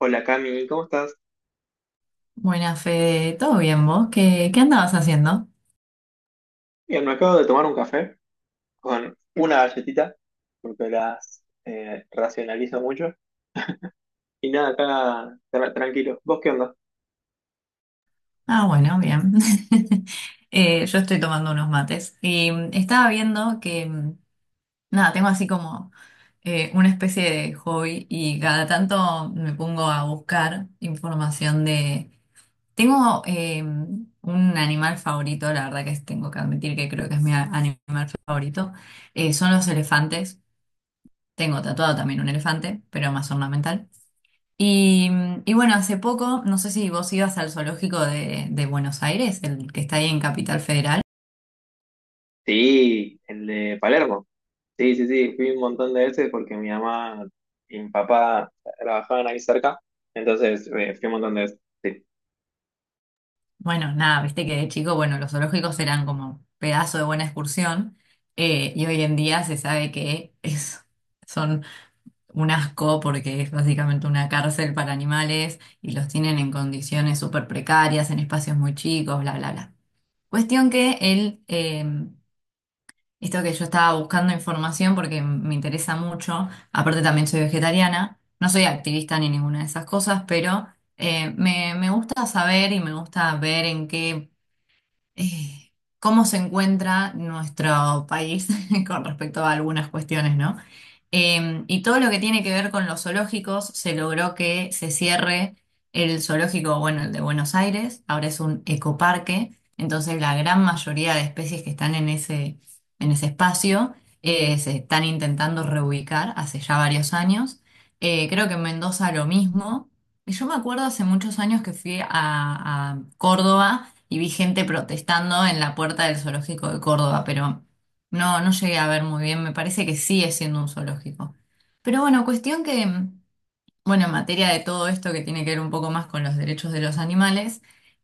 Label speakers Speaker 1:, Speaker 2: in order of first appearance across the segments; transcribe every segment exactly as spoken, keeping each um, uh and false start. Speaker 1: Hola Cami, ¿cómo estás?
Speaker 2: Buena Fede, ¿todo bien vos? ¿Qué, qué andabas haciendo?
Speaker 1: Bien, me acabo de tomar un café con una galletita, porque las eh, racionalizo mucho. Y nada, acá tra- tranquilo. ¿Vos qué onda?
Speaker 2: Ah, bueno, bien. Eh, yo estoy tomando unos mates y mm, estaba viendo que, mm, nada, tengo así como eh, una especie de hobby y cada tanto me pongo a buscar información de... Tengo eh, un animal favorito, la verdad que es- tengo que admitir que creo que es mi a- animal favorito, eh, son los elefantes. Tengo tatuado también un elefante, pero más ornamental. Y, y bueno, hace poco, no sé si vos ibas al zoológico de, de Buenos Aires, el que está ahí en Capital Federal.
Speaker 1: Sí, el de Palermo. Sí, sí, sí, fui un montón de veces porque mi mamá y mi papá trabajaban ahí cerca, entonces eh, fui un montón de veces. Sí.
Speaker 2: Bueno, nada, viste que de chico, bueno, los zoológicos eran como pedazo de buena excursión, eh, y hoy en día se sabe que es, son un asco porque es básicamente una cárcel para animales y los tienen en condiciones súper precarias, en espacios muy chicos, bla, bla, bla. Cuestión que él eh, esto que yo estaba buscando información porque me interesa mucho, aparte también soy vegetariana, no soy activista ni ninguna de esas cosas, pero eh, me, me gusta saber y me gusta ver en qué, eh, cómo se encuentra nuestro país con respecto a algunas cuestiones, ¿no? Eh, y todo lo que tiene que ver con los zoológicos, se logró que se cierre el zoológico, bueno, el de Buenos Aires, ahora es un ecoparque, entonces la gran mayoría de especies que están en ese, en ese espacio eh, se están intentando reubicar hace ya varios años. Eh, creo que en Mendoza lo mismo. Y yo me acuerdo hace muchos años que fui a, a Córdoba y vi gente protestando en la puerta del zoológico de Córdoba, pero... No, no llegué a ver muy bien, me parece que sigue siendo un zoológico. Pero bueno, cuestión que mm, bueno, en materia de todo esto que tiene que ver un poco más con los derechos de los animales,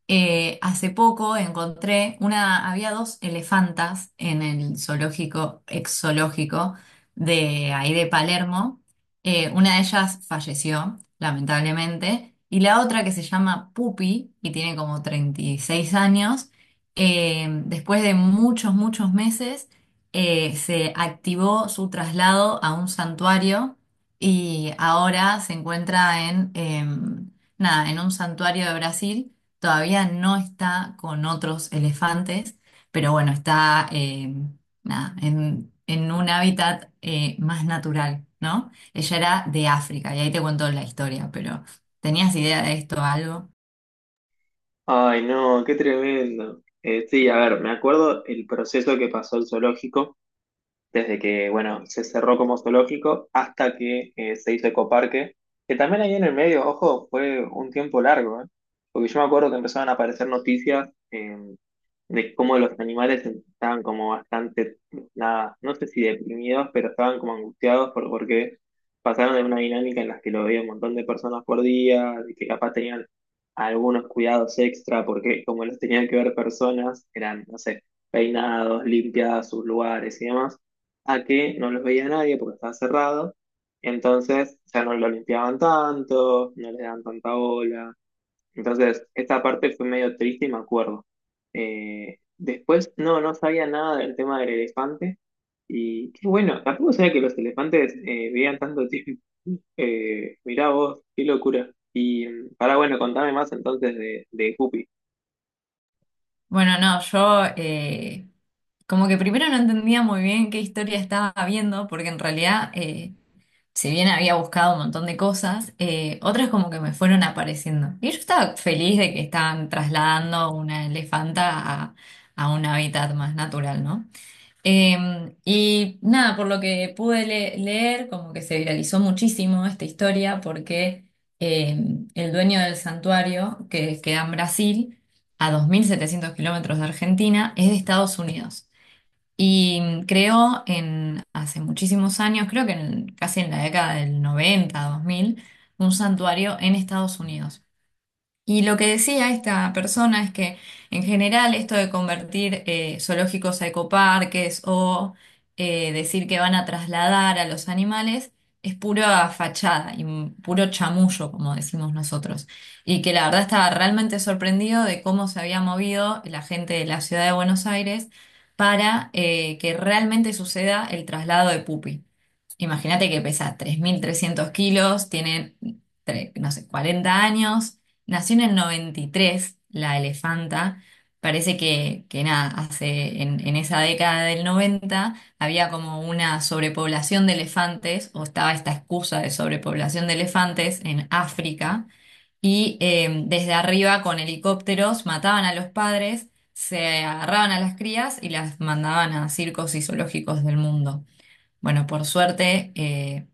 Speaker 2: eh, hace poco encontré una, había dos elefantas en el zoológico, ex zoológico de ahí de Palermo. Eh, una de ellas falleció, lamentablemente, y la otra que se llama Pupi y tiene como treinta y seis años, eh, después de muchos, muchos meses, eh, se activó su traslado a un santuario y ahora se encuentra en, em, nada, en un santuario de Brasil. Todavía no está con otros elefantes, pero bueno, está em, nada, en, en un hábitat eh, más natural, ¿no? Ella era de África y ahí te cuento la historia, pero ¿tenías idea de esto o algo?
Speaker 1: Ay, no, qué tremendo. Eh, sí, a ver, me acuerdo el proceso que pasó el zoológico desde que, bueno, se cerró como zoológico hasta que eh, se hizo ecoparque, que también ahí en el medio, ojo, fue un tiempo largo, ¿eh? Porque yo me acuerdo que empezaban a aparecer noticias eh, de cómo los animales estaban como bastante, nada, no sé si deprimidos, pero estaban como angustiados por, porque pasaron de una dinámica en la que lo veía un montón de personas por día, de que capaz tenían algunos cuidados extra, porque como los tenían que ver personas, eran, no sé, peinados, limpiadas sus lugares y demás, a que no los veía nadie porque estaba cerrado. Entonces, o sea, no lo limpiaban tanto, no le daban tanta bola. Entonces, esta parte fue medio triste y me acuerdo. Eh, después, no, no sabía nada del tema del elefante. Y qué bueno, tampoco sabía que los elefantes eh, vivían tanto tiempo. Eh, mirá vos, qué locura. Y para bueno, contame más entonces de, de Guppy.
Speaker 2: Bueno, no, yo eh, como que primero no entendía muy bien qué historia estaba viendo, porque en realidad... eh, si bien había buscado un montón de cosas, eh, otras como que me fueron apareciendo. Y yo estaba feliz de que estaban trasladando una elefanta a, a un hábitat más natural, ¿no? Eh, y nada, por lo que pude le- leer, como que se viralizó muchísimo esta historia porque eh, el dueño del santuario, que queda en Brasil, a dos mil setecientos kilómetros de Argentina, es de Estados Unidos. Y mm, creo en hace muchísimos años, creo que en- casi en la década del noventa, dos mil, un santuario en Estados Unidos. Y lo que decía esta persona es que en general esto de convertir eh, zoológicos a ecoparques o eh, decir que van a trasladar a los animales es pura fachada y un puro chamullo, como decimos nosotros. Y que la verdad estaba realmente sorprendido de cómo se había movido la gente de la ciudad de Buenos Aires para eh, que realmente suceda el traslado de Pupi. Imagínate que pesa tres mil trescientos kilos, tiene, tre- no sé, cuarenta años. Nació en el noventa y tres la elefanta. Parece que, que nada, hace, en, en esa década del noventa había como una sobrepoblación de elefantes, o estaba esta excusa de sobrepoblación de elefantes en África, y eh, desde arriba con helicópteros mataban a los padres, se agarraban a las crías y las mandaban a circos y zoológicos del mundo. Bueno, por suerte, eh,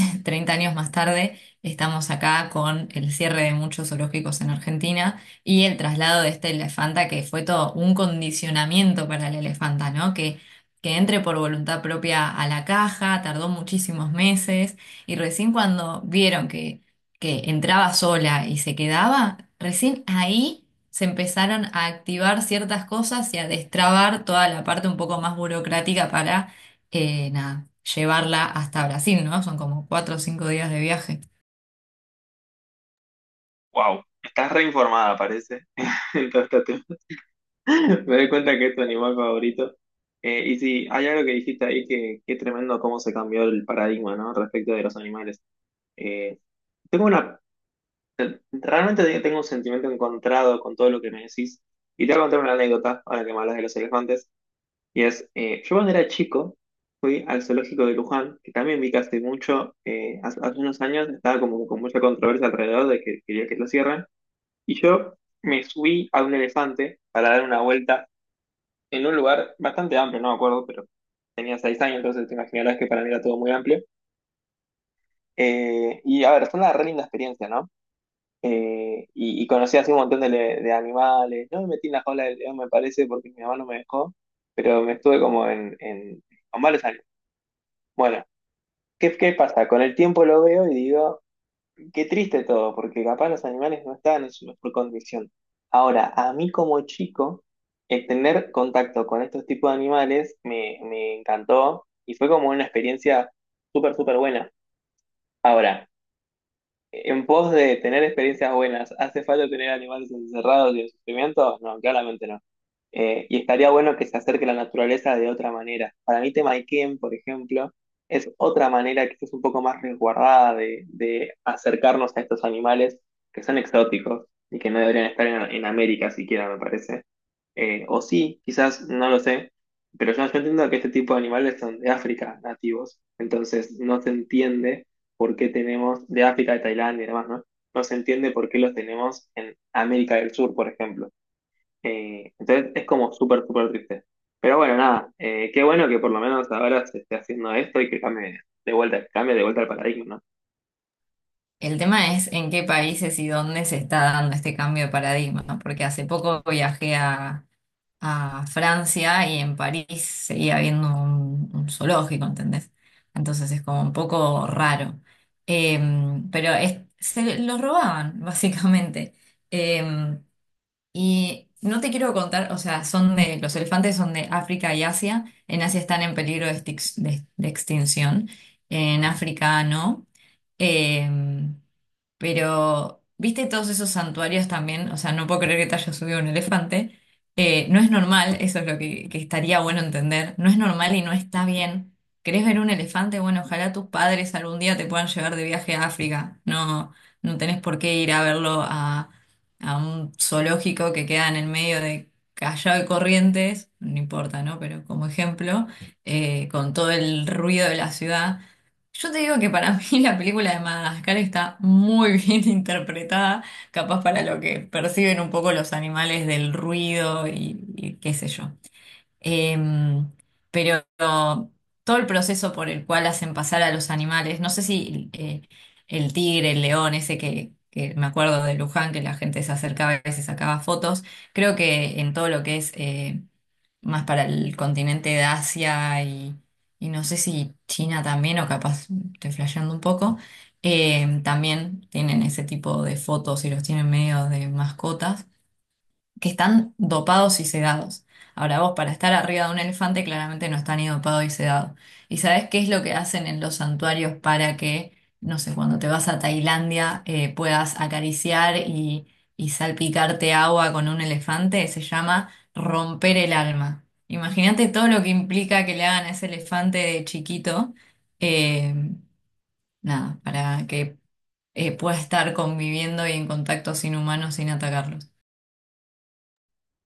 Speaker 2: treinta años más tarde, estamos acá con el cierre de muchos zoológicos en Argentina y el traslado de esta elefanta, que fue todo un condicionamiento para la elefanta, ¿no? Que, que entre por voluntad propia a la caja, tardó muchísimos meses y recién cuando vieron que, que entraba sola y se quedaba, recién ahí... se empezaron a activar ciertas cosas y a destrabar toda la parte un poco más burocrática para eh, nada, llevarla hasta Brasil, ¿no? Son como cuatro o cinco días de viaje.
Speaker 1: Wow, estás reinformada, parece, en todo este tema. Me doy cuenta que es tu animal favorito. Eh, y sí, hay algo que dijiste ahí que, que es tremendo cómo se cambió el paradigma, ¿no? Respecto de los animales. Eh, tengo una, realmente tengo un sentimiento encontrado con todo lo que me decís. Y te voy a contar una anécdota ahora que me hablas de los elefantes. Y es, eh, yo cuando era chico fui al zoológico de Luján, que también vi que hace mucho, eh, hace, hace unos años estaba como con mucha controversia alrededor de que quería que lo cierren. Y yo me subí a un elefante para dar una vuelta en un lugar bastante amplio, no me acuerdo, pero tenía seis años, entonces te imaginarás que para mí era todo muy amplio. Eh, y a ver, fue una re linda experiencia, ¿no? Eh, y, y conocí así un montón de, le- de animales. No me metí en la jaula del león, me parece, porque mi mamá no me dejó, pero me estuve como en, en- con varios años. Bueno, ¿qué, qué pasa? Con el tiempo lo veo y digo, qué triste todo, porque capaz los animales no estaban en su mejor condición. Ahora, a mí como chico, el tener contacto con estos tipos de animales me, me encantó y fue como una experiencia súper, súper buena. Ahora, en pos de tener experiencias buenas, ¿hace falta tener animales encerrados y en sufrimiento? No, claramente no. Eh, y estaría bueno que se acerque la naturaleza de otra manera. Para mí, tema Ikea, por ejemplo, es otra manera que es un poco más resguardada de, de acercarnos a estos animales que son exóticos y que no deberían estar en, en América siquiera, me parece. Eh, o sí, quizás, no lo sé, pero yo, yo entiendo que este tipo de animales son de África nativos, entonces no se entiende por qué tenemos de África, de Tailandia y demás, ¿no? No se entiende por qué los tenemos en América del Sur, por ejemplo. Eh, entonces es como súper, súper triste. Pero bueno, nada, eh, qué bueno que por lo menos ahora se esté haciendo esto y que cambie de vuelta, cambie de vuelta el paradigma, ¿no?
Speaker 2: El tema es en qué países y dónde se está dando este cambio de paradigma, ¿no? Porque hace poco viajé a, a Francia y en París seguía habiendo un, un zoológico, ¿entendés? Entonces es como un poco raro. Em, pero es- se los robaban, básicamente. Em, Y no te quiero contar, o sea, son de, los elefantes son de África y Asia. En Asia están en peligro de, extix- de- de extinción. En África no. Em, pero, ¿viste todos esos santuarios también? O sea, no puedo creer que te haya subido un elefante. Eh, no es normal, eso es lo que, que estaría bueno entender. No es normal y no está bien. ¿Querés ver un elefante? Bueno, ojalá tus padres algún día te puedan llevar de viaje a África. No, no tenés por qué ir a verlo a a un zoológico que queda en el medio de Callao y Corrientes, no importa, ¿no? Pero como ejemplo, eh, con todo el ruido de la ciudad. Yo te digo que para mí la película de Madagascar está muy bien interpretada, capaz para lo que perciben un poco los animales del ruido y, y qué sé yo. Em, pero todo el proceso por el cual hacen pasar a los animales, no sé si eh, el tigre, el león, ese que, que me acuerdo de Luján, que la gente se acercaba y se sacaba fotos, creo que en todo lo que es eh, más para el continente de Asia y, y no sé si China también, o capaz estoy flasheando un poco, eh, también tienen ese tipo de fotos y los tienen medio de mascotas que están dopados y sedados. Ahora vos, para estar arriba de un elefante, claramente no está ni dopado y sedado. ¿Y sabés qué es lo que hacen en los santuarios para que, no sé, cuando te vas a Tailandia eh, puedas acariciar y, y salpicarte agua con un elefante? Se llama romper el alma. Imagínate todo lo que implica que le hagan a ese elefante de chiquito, eh, nada, para que eh, pueda estar conviviendo y en contacto sin humanos sin atacarlos.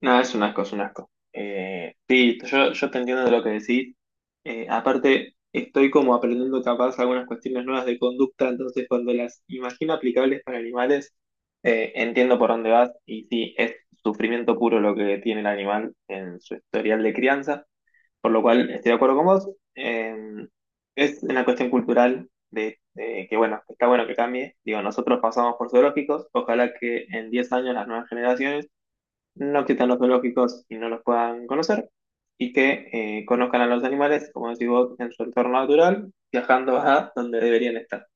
Speaker 1: No, es un asco, es un asco. Eh, sí, yo, yo te entiendo de lo que decís. Eh, aparte, estoy como aprendiendo capaz algunas cuestiones nuevas de conducta, entonces cuando las imagino aplicables para animales, eh, entiendo por dónde vas y sí, es sufrimiento puro lo que tiene el animal en su historial de crianza, por lo cual estoy de acuerdo con vos. Eh, es una cuestión cultural de, de que, bueno, está bueno que cambie. Digo, nosotros pasamos por zoológicos, ojalá que en diez años las nuevas generaciones no quitan los zoológicos y no los puedan conocer, y que eh, conozcan a los animales, como decís vos, en su entorno natural, viajando a donde deberían estar.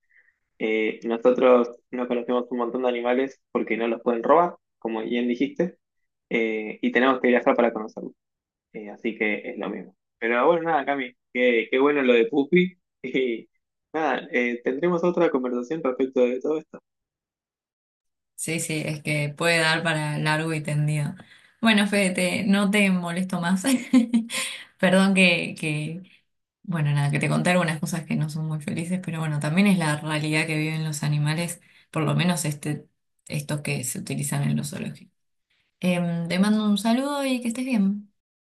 Speaker 1: Eh, nosotros no conocemos un montón de animales porque no los pueden robar, como bien dijiste, eh, y tenemos que viajar para conocerlos. Eh, así que es lo mismo. Pero bueno, nada, Cami, qué, qué bueno lo de Pupi. Y nada, eh, tendremos otra conversación respecto de todo esto.
Speaker 2: Sí, sí, es que puede dar para largo y tendido. Bueno, Fede, te- no te molesto más. Perdón que, que, bueno, nada, que te conté algunas cosas que no son muy felices, pero bueno, también es la realidad que viven los animales, por lo menos este, estos que se utilizan en los zoológicos. Em, te mando un saludo y que estés bien.